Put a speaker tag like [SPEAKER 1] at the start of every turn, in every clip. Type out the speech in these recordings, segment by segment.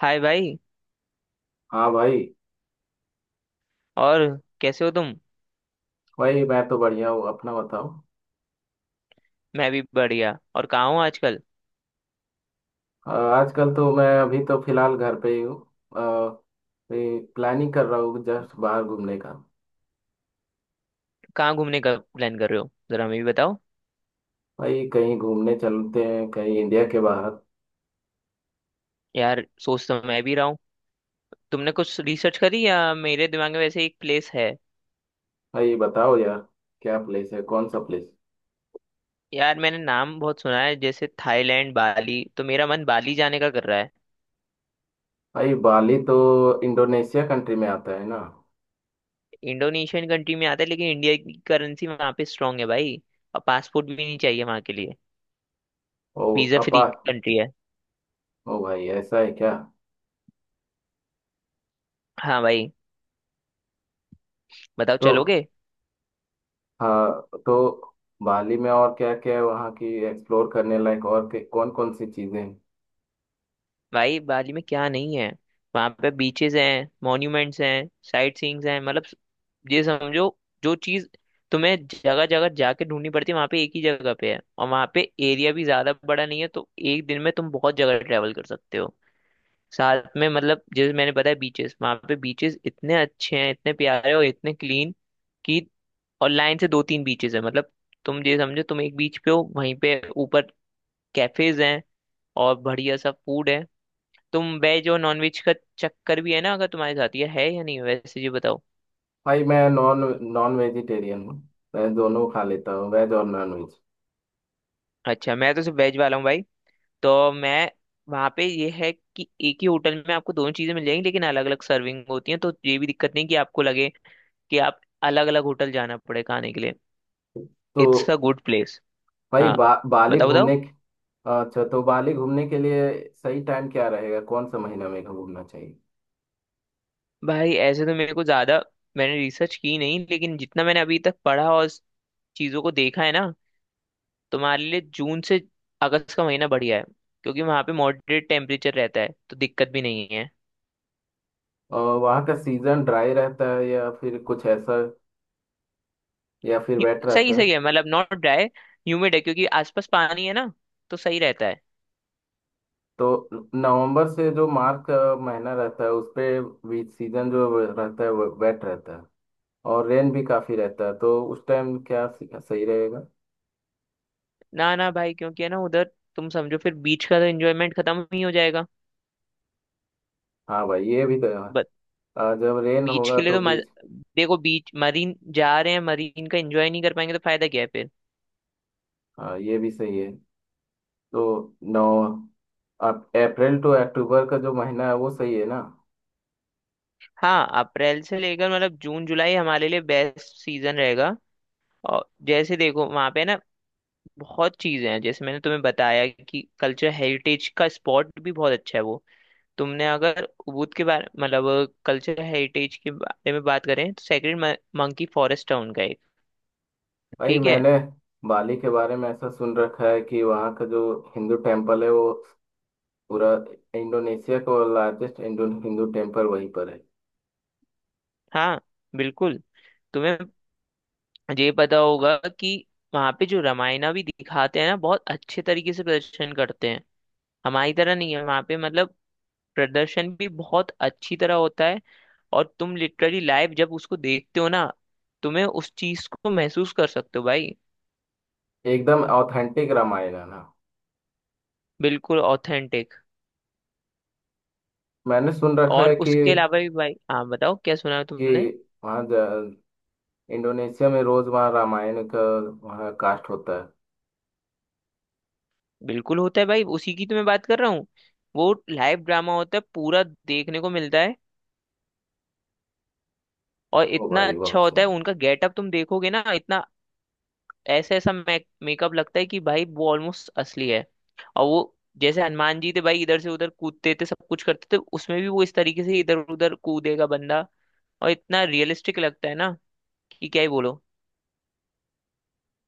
[SPEAKER 1] हाय भाई।
[SPEAKER 2] हाँ भाई।
[SPEAKER 1] और कैसे हो तुम?
[SPEAKER 2] भाई मैं तो बढ़िया हूँ, अपना बताओ।
[SPEAKER 1] मैं भी बढ़िया। और कहाँ हो आजकल?
[SPEAKER 2] आजकल तो मैं अभी तो फिलहाल घर पे ही हूँ, प्लानिंग कर रहा हूँ जस्ट बाहर घूमने का।
[SPEAKER 1] कहाँ घूमने का प्लान कर रहे हो, जरा हमें भी बताओ।
[SPEAKER 2] भाई कहीं घूमने चलते हैं, कहीं इंडिया के बाहर।
[SPEAKER 1] यार सोच तो मैं भी रहा हूँ। तुमने कुछ रिसर्च करी? या मेरे दिमाग में वैसे एक प्लेस है।
[SPEAKER 2] भाई बताओ यार, क्या प्लेस है, कौन सा प्लेस।
[SPEAKER 1] यार मैंने नाम बहुत सुना है, जैसे थाईलैंड, बाली। तो मेरा मन बाली जाने का कर रहा है।
[SPEAKER 2] भाई बाली तो इंडोनेशिया कंट्री में आता है ना।
[SPEAKER 1] इंडोनेशियन कंट्री में आता है, लेकिन इंडिया की करेंसी वहाँ पे स्ट्रांग है भाई। और पासपोर्ट भी नहीं चाहिए वहाँ के लिए।
[SPEAKER 2] ओ।
[SPEAKER 1] वीजा फ्री
[SPEAKER 2] अपा।
[SPEAKER 1] कंट्री है।
[SPEAKER 2] ओ भाई ऐसा है क्या।
[SPEAKER 1] हाँ भाई। बताओ,
[SPEAKER 2] तो
[SPEAKER 1] चलोगे?
[SPEAKER 2] हाँ तो बाली में और क्या क्या है वहाँ की एक्सप्लोर करने लायक, और कौन कौन सी चीज़ें हैं।
[SPEAKER 1] भाई बाली में क्या नहीं है। वहां पे बीचेस हैं, मॉन्यूमेंट्स हैं, साइट सीइंग्स हैं। मतलब ये समझो, जो चीज तुम्हें जगह जगह जाके ढूंढनी पड़ती है, वहां पे एक ही जगह पे है। और वहां पे एरिया भी ज्यादा बड़ा नहीं है, तो एक दिन में तुम बहुत जगह ट्रेवल कर सकते हो। साथ में मतलब, जैसे मैंने बताया बीचेस, वहां पे बीचेस इतने अच्छे हैं, इतने प्यारे और इतने क्लीन कि, और लाइन से दो तीन बीचेस है। मतलब तुम ये समझो, तुम एक बीच पे हो, वहीं पे ऊपर कैफेज हैं और बढ़िया सा फूड है। तुम वेज और नॉन वेज का चक्कर भी है ना, अगर तुम्हारे साथ ये है या नहीं, वैसे ये बताओ।
[SPEAKER 2] भाई मैं नॉन नॉन वेजिटेरियन हूँ, मैं दोनों खा लेता हूँ, वेज और नॉन वेज।
[SPEAKER 1] अच्छा मैं तो सिर्फ वेज वाला हूँ भाई। तो मैं, वहाँ पे ये है कि एक ही होटल में आपको दोनों चीजें मिल जाएंगी, लेकिन अलग अलग सर्विंग होती है। तो ये भी दिक्कत नहीं कि आपको लगे कि आप अलग अलग होटल जाना पड़े खाने के लिए।
[SPEAKER 2] तो
[SPEAKER 1] इट्स अ गुड प्लेस।
[SPEAKER 2] भाई
[SPEAKER 1] हाँ,
[SPEAKER 2] बा, बाली
[SPEAKER 1] बताओ बताओ।
[SPEAKER 2] घूमने के- अच्छा, तो बाली घूमने के लिए सही टाइम क्या रहेगा, कौन सा महीना में घूमना चाहिए।
[SPEAKER 1] भाई ऐसे तो मेरे को ज्यादा, मैंने रिसर्च की नहीं, लेकिन जितना मैंने अभी तक पढ़ा और चीजों को देखा है ना, तुम्हारे लिए जून से अगस्त का महीना बढ़िया है, क्योंकि वहां पे मॉडरेट टेम्परेचर रहता है, तो दिक्कत भी नहीं है।
[SPEAKER 2] और वहाँ का सीजन ड्राई रहता है या फिर कुछ ऐसा, या फिर वेट
[SPEAKER 1] सही
[SPEAKER 2] रहता है।
[SPEAKER 1] सही है। मतलब नॉट ड्राई, ह्यूमिड है, क्योंकि आसपास पानी है ना, तो सही रहता है।
[SPEAKER 2] तो नवंबर से जो मार्च का महीना रहता है उस पे भी सीजन जो रहता है वो वेट रहता है और रेन भी काफ़ी रहता है, तो उस टाइम क्या सही रहेगा।
[SPEAKER 1] ना ना भाई, क्योंकि है ना उधर, तुम समझो फिर बीच का तो एंजॉयमेंट खत्म ही हो जाएगा।
[SPEAKER 2] हाँ भाई, ये भी तो है।
[SPEAKER 1] बट
[SPEAKER 2] जब रेन
[SPEAKER 1] बीच
[SPEAKER 2] होगा
[SPEAKER 1] के लिए
[SPEAKER 2] तो
[SPEAKER 1] तो
[SPEAKER 2] बीच।
[SPEAKER 1] देखो, बीच मरीन जा रहे हैं, मरीन का एंजॉय नहीं कर पाएंगे, तो फायदा क्या है फिर।
[SPEAKER 2] हाँ, ये भी सही है। तो नौ अब अप्रैल टू अक्टूबर का जो महीना है वो सही है ना।
[SPEAKER 1] हाँ, अप्रैल से लेकर मतलब जून जुलाई हमारे लिए बेस्ट सीजन रहेगा। और जैसे देखो वहां पे ना, बहुत चीजें हैं। जैसे मैंने तुम्हें बताया कि कल्चर हेरिटेज का स्पॉट भी बहुत अच्छा है वो। तुमने अगर उबुद के बारे, मतलब कल्चर हेरिटेज के बारे में बात करें, तो सेक्रेड मंकी फॉरेस्ट टाउन का एक,
[SPEAKER 2] भाई
[SPEAKER 1] ठीक है।
[SPEAKER 2] मैंने बाली के बारे में ऐसा सुन रखा है कि वहाँ का जो हिंदू टेम्पल है वो पूरा इंडोनेशिया का लार्जेस्ट इंडो हिंदू टेम्पल वहीं पर है।
[SPEAKER 1] हाँ, बिल्कुल। तुम्हें ये पता होगा कि वहाँ पे जो रामायणा भी दिखाते हैं ना, बहुत अच्छे तरीके से प्रदर्शन करते हैं। हमारी तरह नहीं है वहाँ पे, मतलब प्रदर्शन भी बहुत अच्छी तरह होता है। और तुम लिटरली लाइव जब उसको देखते हो ना, तुम्हें उस चीज को महसूस कर सकते हो भाई।
[SPEAKER 2] एकदम ऑथेंटिक रामायण है ना।
[SPEAKER 1] बिल्कुल ऑथेंटिक।
[SPEAKER 2] मैंने सुन रखा
[SPEAKER 1] और
[SPEAKER 2] है कि
[SPEAKER 1] उसके अलावा भी भाई, हाँ बताओ क्या सुना है
[SPEAKER 2] कि
[SPEAKER 1] तुमने।
[SPEAKER 2] वहाँ ज- इंडोनेशिया में रोज वहाँ रामायण का, वहाँ कास्ट होता है।
[SPEAKER 1] बिल्कुल होता है भाई, उसी की तो मैं बात कर रहा हूँ। वो लाइव ड्रामा होता है, पूरा देखने को मिलता है। और
[SPEAKER 2] ओ
[SPEAKER 1] इतना
[SPEAKER 2] भाई
[SPEAKER 1] अच्छा
[SPEAKER 2] बहुत
[SPEAKER 1] होता है
[SPEAKER 2] सुन।
[SPEAKER 1] उनका गेटअप, तुम देखोगे ना, इतना ऐसा ऐसा मेकअप लगता है कि भाई वो ऑलमोस्ट असली है। और वो जैसे हनुमान जी थे भाई, इधर से उधर कूदते थे, सब कुछ करते थे, उसमें भी वो इस तरीके से इधर उधर कूदेगा बंदा। और इतना रियलिस्टिक लगता है ना, कि क्या ही बोलो।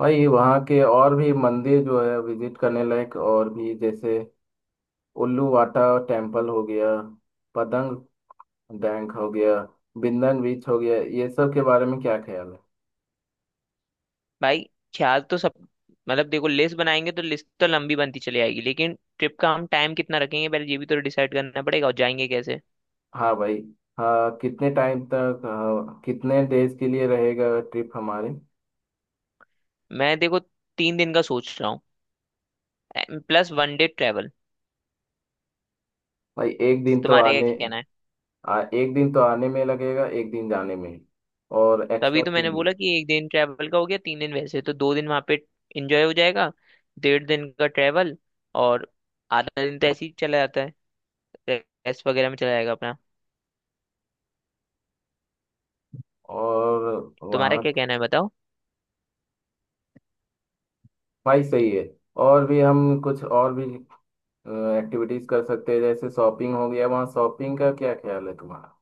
[SPEAKER 2] भाई वहाँ के और भी मंदिर जो है विजिट करने लायक, और भी जैसे उल्लू वाटा टेम्पल हो गया, पतंग डैंक हो गया, बिंदन बीच हो गया, ये सब के बारे में क्या ख्याल है।
[SPEAKER 1] भाई ख्याल तो सब, मतलब देखो, लिस्ट बनाएंगे तो लिस्ट तो लंबी बनती चली आएगी, लेकिन ट्रिप का हम टाइम कितना रखेंगे पहले ये भी तो डिसाइड करना पड़ेगा, और जाएंगे कैसे।
[SPEAKER 2] हाँ भाई। हाँ, कितने टाइम तक हाँ, कितने डेज के लिए रहेगा ट्रिप हमारे।
[SPEAKER 1] मैं देखो 3 दिन का सोच रहा हूँ, प्लस 1 डे ट्रेवल।
[SPEAKER 2] भाई
[SPEAKER 1] तुम्हारे क्या कहना है?
[SPEAKER 2] एक दिन तो आने में लगेगा, एक दिन जाने में, और
[SPEAKER 1] तभी
[SPEAKER 2] एक्स्ट्रा
[SPEAKER 1] तो मैंने
[SPEAKER 2] 3 दिन।
[SPEAKER 1] बोला कि 1 दिन ट्रैवल का हो गया, 3 दिन वैसे, तो 2 दिन वहां पे एंजॉय हो जाएगा। 1.5 दिन का ट्रैवल और आधा दिन तो ऐसे ही चला जाता है, रेस्ट वगैरह में चला जाएगा अपना।
[SPEAKER 2] और
[SPEAKER 1] तुम्हारा
[SPEAKER 2] वहाँ।
[SPEAKER 1] क्या कहना है बताओ।
[SPEAKER 2] भाई सही है। और भी हम कुछ और भी एक्टिविटीज कर सकते हैं, जैसे शॉपिंग हो गया, वहाँ शॉपिंग का क्या ख्याल है तुम्हारा।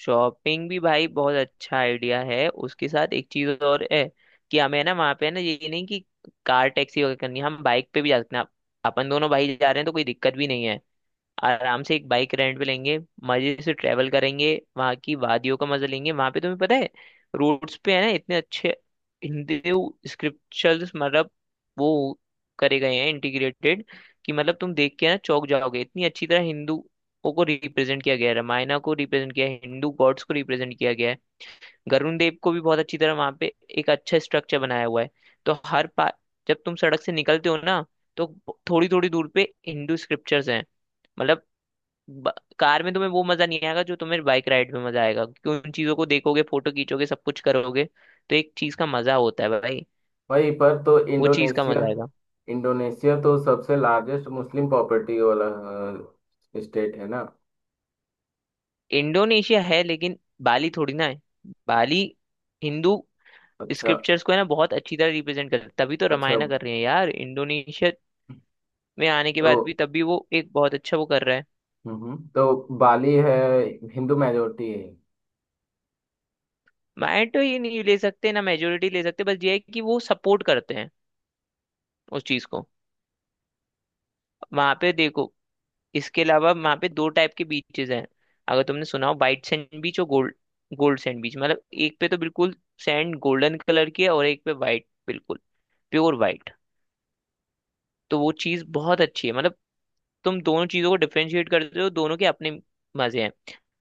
[SPEAKER 1] शॉपिंग भी भाई बहुत अच्छा आइडिया है। उसके साथ एक चीज और है कि हमें ना वहाँ पे ना, ये नहीं कि कार टैक्सी वगैरह करनी है, हम बाइक पे भी जा सकते हैं। अपन दोनों भाई जा रहे हैं, तो कोई दिक्कत भी नहीं है। आराम से एक बाइक रेंट पे लेंगे, मजे से ट्रेवल करेंगे, वहाँ की वादियों का मजा लेंगे। वहाँ पे तुम्हें पता है, रोड्स पे है ना इतने अच्छे हिंदू स्क्रिप्चर्स, मतलब वो करे गए हैं इंटीग्रेटेड, कि मतलब तुम देख के ना चौंक जाओगे। इतनी अच्छी तरह हिंदुओं को रिप्रेजेंट किया गया है, रामायणा को रिप्रेजेंट किया है, हिंदू गॉड्स को रिप्रेजेंट किया गया है। वरुण देव को भी बहुत अच्छी तरह वहाँ पे एक अच्छा स्ट्रक्चर बनाया हुआ है। तो हर पा जब तुम सड़क से निकलते हो ना, तो थोड़ी थोड़ी दूर पे हिंदू स्क्रिप्चर्स हैं। मतलब ब- कार में तुम्हें वो मजा नहीं आएगा जो तुम्हें बाइक राइड में मजा आएगा, क्योंकि उन चीजों को देखोगे, फोटो खींचोगे, सब कुछ करोगे, तो एक चीज का मजा होता है भाई,
[SPEAKER 2] वहीं पर तो
[SPEAKER 1] वो चीज का
[SPEAKER 2] इंडोनेशिया
[SPEAKER 1] मजा आएगा।
[SPEAKER 2] इंडोनेशिया तो सबसे लार्जेस्ट मुस्लिम प्रॉपर्टी वाला स्टेट है ना।
[SPEAKER 1] इंडोनेशिया है, लेकिन बाली थोड़ी ना है। बाली हिंदू
[SPEAKER 2] अच्छा।
[SPEAKER 1] स्क्रिप्चर्स को है ना बहुत अच्छी तरह रिप्रेजेंट कर, तभी तो
[SPEAKER 2] अच्छा।
[SPEAKER 1] रामायण कर रहे हैं यार। इंडोनेशिया में आने के
[SPEAKER 2] तो
[SPEAKER 1] बाद भी, तब भी वो एक बहुत अच्छा वो कर रहा है।
[SPEAKER 2] तो बाली है, हिंदू मेजोरिटी है।
[SPEAKER 1] माइंड तो ये नहीं ले सकते ना, मेजोरिटी ले सकते, बस ये है कि वो सपोर्ट करते हैं उस चीज को। वहां पे देखो, इसके अलावा वहाँ पे दो टाइप के बीचेस हैं। अगर तुमने सुना हो, वाइट सैंड बीच और गोल्ड, गोल्ड सैंड बीच। मतलब एक पे तो बिल्कुल सैंड गोल्डन कलर की है, और एक पे वाइट, बिल्कुल प्योर वाइट। तो वो चीज़ बहुत अच्छी है, मतलब तुम दोनों चीज़ों को डिफरेंशिएट करते हो, दोनों के अपने मज़े हैं।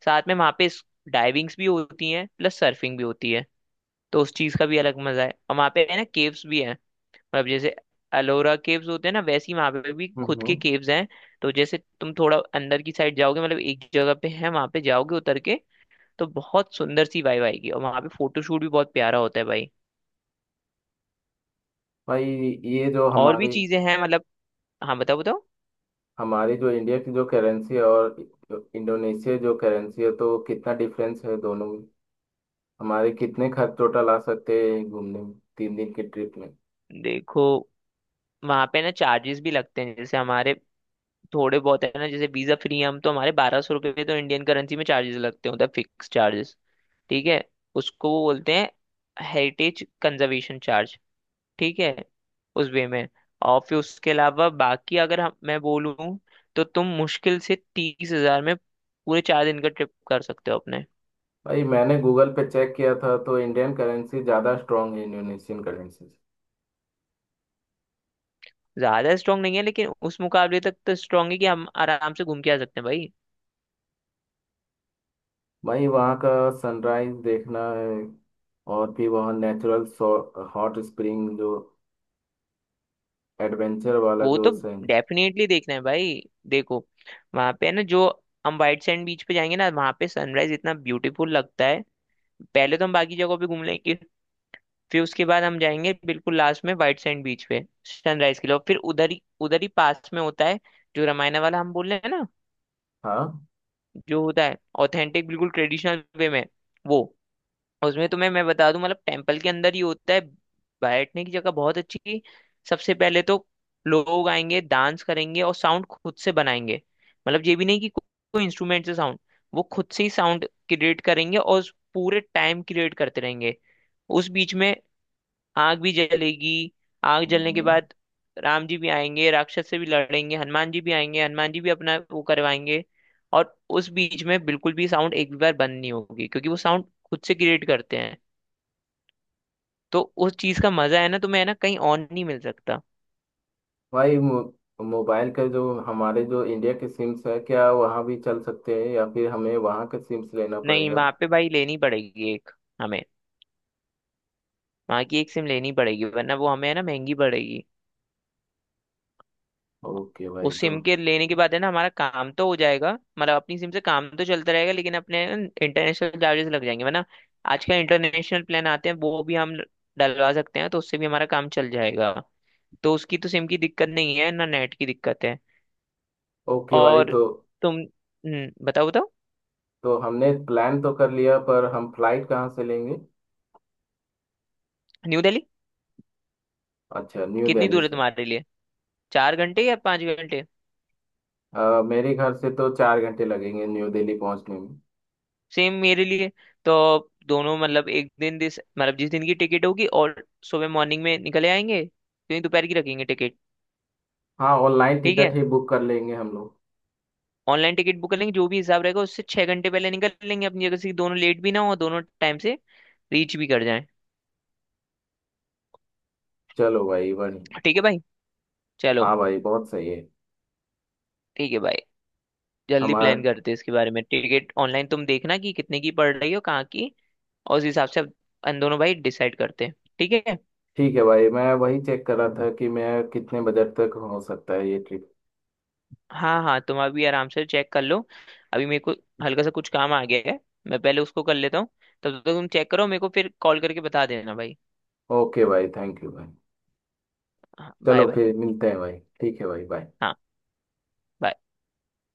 [SPEAKER 1] साथ में वहाँ पे डाइविंग्स भी होती हैं, प्लस सर्फिंग भी होती है, तो उस चीज़ का भी अलग मज़ा है। और वहाँ पे है ना, केव्स भी है। मतलब जैसे अलोरा केव्स होते हैं ना, वैसी वहां पे भी खुद के
[SPEAKER 2] हम्म।
[SPEAKER 1] केव्स हैं। तो जैसे तुम थोड़ा अंदर की साइड जाओगे, मतलब एक जगह पे है, वहां पे जाओगे उतर के, तो बहुत सुंदर सी वाइब आएगी। और वहां पे फोटोशूट भी बहुत प्यारा होता है भाई।
[SPEAKER 2] भाई ये जो
[SPEAKER 1] और भी
[SPEAKER 2] हमारी,
[SPEAKER 1] चीजें हैं मतलब, हाँ बताओ बताओ।
[SPEAKER 2] जो इंडिया की जो करेंसी है और जो इंडोनेशिया जो करेंसी है, तो कितना डिफरेंस है दोनों में, हमारे कितने खर्च टोटल आ सकते हैं घूमने में 3 दिन की ट्रिप में।
[SPEAKER 1] देखो वहां पे ना चार्जेस भी लगते हैं, जैसे हमारे थोड़े बहुत है ना, जैसे वीजा फ्री हम, तो हमारे 1200 रुपये तो इंडियन करेंसी में चार्जेस लगते होते हैं, मतलब फिक्स चार्जेस, ठीक है। उसको वो बोलते हैं हेरिटेज कंजर्वेशन चार्ज, ठीक है, उस वे में। और फिर उसके अलावा बाकी अगर हम, मैं बोलूँ, तो तुम मुश्किल से 30,000 में पूरे 4 दिन का ट्रिप कर सकते हो अपने।
[SPEAKER 2] भाई मैंने गूगल पे चेक किया था, तो इंडियन करेंसी ज़्यादा स्ट्रांग है इंडोनेशियन करेंसी से।
[SPEAKER 1] ज्यादा स्ट्रांग नहीं है, लेकिन उस मुकाबले तक तो स्ट्रांग है कि हम आराम से घूम के आ सकते हैं भाई।
[SPEAKER 2] भाई वहाँ का सनराइज देखना है, और भी वहाँ नेचुरल हॉट स्प्रिंग जो एडवेंचर वाला
[SPEAKER 1] वो
[SPEAKER 2] जो
[SPEAKER 1] तो
[SPEAKER 2] सीन।
[SPEAKER 1] डेफिनेटली देखना है भाई। देखो, वहां पे है ना, जो हम व्हाइट सैंड बीच पे जाएंगे ना, वहां पे सनराइज इतना ब्यूटीफुल लगता है। पहले तो हम बाकी जगहों पे घूम लेंगे, फिर उसके बाद हम जाएंगे बिल्कुल लास्ट में व्हाइट सैंड बीच पे सनराइज के लिए। और फिर उधर ही पास में होता है जो रामायणा वाला हम बोल रहे हैं ना,
[SPEAKER 2] हाँ।
[SPEAKER 1] जो होता है ऑथेंटिक, बिल्कुल ट्रेडिशनल वे में। वो उसमें तुम्हें मैं बता दूं, मतलब टेम्पल के अंदर ही होता है, बैठने की जगह बहुत अच्छी। सबसे पहले तो लोग आएंगे, डांस करेंगे और साउंड खुद से बनाएंगे। मतलब ये भी नहीं कि को- कोई इंस्ट्रूमेंट से साउंड, वो खुद से ही साउंड क्रिएट करेंगे, और उस पूरे टाइम क्रिएट करते रहेंगे। उस बीच में आग भी जलेगी। आग जलने के
[SPEAKER 2] हम्म।
[SPEAKER 1] बाद राम जी भी आएंगे, राक्षस से भी लड़ेंगे, हनुमान जी भी आएंगे, हनुमान जी भी अपना वो करवाएंगे। और उस बीच में बिल्कुल भी साउंड एक भी बार बंद नहीं होगी, क्योंकि वो साउंड खुद से क्रिएट करते हैं। तो उस चीज का मजा है ना, तुम्हें है ना कहीं और नहीं मिल सकता।
[SPEAKER 2] भाई मोबाइल का जो हमारे, जो इंडिया के सिम्स है क्या वहाँ भी चल सकते हैं, या फिर हमें वहाँ के सिम्स लेना
[SPEAKER 1] नहीं
[SPEAKER 2] पड़ेगा।
[SPEAKER 1] वहां पे भाई, लेनी पड़ेगी एक, हमें वहां की एक सिम लेनी पड़ेगी, वरना वो हमें है ना महंगी पड़ेगी।
[SPEAKER 2] ओके भाई
[SPEAKER 1] उस
[SPEAKER 2] तो।
[SPEAKER 1] सिम के लेने के बाद है ना, हमारा काम तो हो जाएगा। मतलब अपनी सिम से काम तो चलता रहेगा, लेकिन अपने इंटरनेशनल चार्जेस लग जाएंगे, वरना आजकल इंटरनेशनल प्लान आते हैं, वो भी हम डलवा सकते हैं, तो उससे भी हमारा काम चल जाएगा। तो उसकी तो सिम की दिक्कत नहीं है ना, नेट की दिक्कत है।
[SPEAKER 2] ओके भाई
[SPEAKER 1] और
[SPEAKER 2] तो।
[SPEAKER 1] तुम बताओ बताओ।
[SPEAKER 2] तो हमने प्लान तो कर लिया, पर हम फ्लाइट कहाँ से लेंगे।
[SPEAKER 1] न्यू दिल्ली
[SPEAKER 2] अच्छा, न्यू
[SPEAKER 1] कितनी
[SPEAKER 2] दिल्ली
[SPEAKER 1] दूर है
[SPEAKER 2] से।
[SPEAKER 1] तुम्हारे लिए? 4 घंटे या 5 घंटे?
[SPEAKER 2] मेरे घर से तो 4 घंटे लगेंगे न्यू दिल्ली पहुंचने में।
[SPEAKER 1] सेम मेरे लिए। तो दोनों, मतलब एक दिन, दिस मतलब जिस दिन की टिकट होगी, और सुबह मॉर्निंग में निकले आएंगे, क्योंकि दोपहर की रखेंगे टिकट।
[SPEAKER 2] हाँ, ऑनलाइन
[SPEAKER 1] ठीक
[SPEAKER 2] टिकट
[SPEAKER 1] है,
[SPEAKER 2] ही बुक कर लेंगे हम लोग।
[SPEAKER 1] ऑनलाइन टिकट बुक कर लेंगे। जो भी हिसाब रहेगा, उससे 6 घंटे पहले निकल लेंगे अपनी जगह से, कि दोनों लेट भी ना हो, दोनों टाइम से रीच भी कर जाएं।
[SPEAKER 2] चलो भाई, बढ़िया।
[SPEAKER 1] ठीक है भाई, चलो।
[SPEAKER 2] हाँ भाई, बहुत सही है।
[SPEAKER 1] ठीक है भाई, जल्दी प्लान
[SPEAKER 2] हमारा
[SPEAKER 1] करते हैं इसके बारे में। टिकट ऑनलाइन तुम देखना कि कितने की पड़ रही हो, कहाँ की, और उस हिसाब से अब हम दोनों भाई डिसाइड करते हैं, ठीक है।
[SPEAKER 2] ठीक है भाई, मैं वही चेक कर रहा था कि मैं कितने बजट तक हो सकता है ये ट्रिप।
[SPEAKER 1] हाँ हाँ, तुम अभी आराम से चेक कर लो। अभी मेरे को हल्का सा कुछ काम आ गया है, मैं पहले उसको कर लेता हूँ, तब तक तुम चेक करो, मेरे को फिर कॉल करके बता देना भाई।
[SPEAKER 2] ओके भाई, थैंक यू भाई।
[SPEAKER 1] हाँ,
[SPEAKER 2] चलो,
[SPEAKER 1] बाय बाय।
[SPEAKER 2] फिर मिलते हैं भाई, ठीक है भाई, बाय।
[SPEAKER 1] हाँ, bye।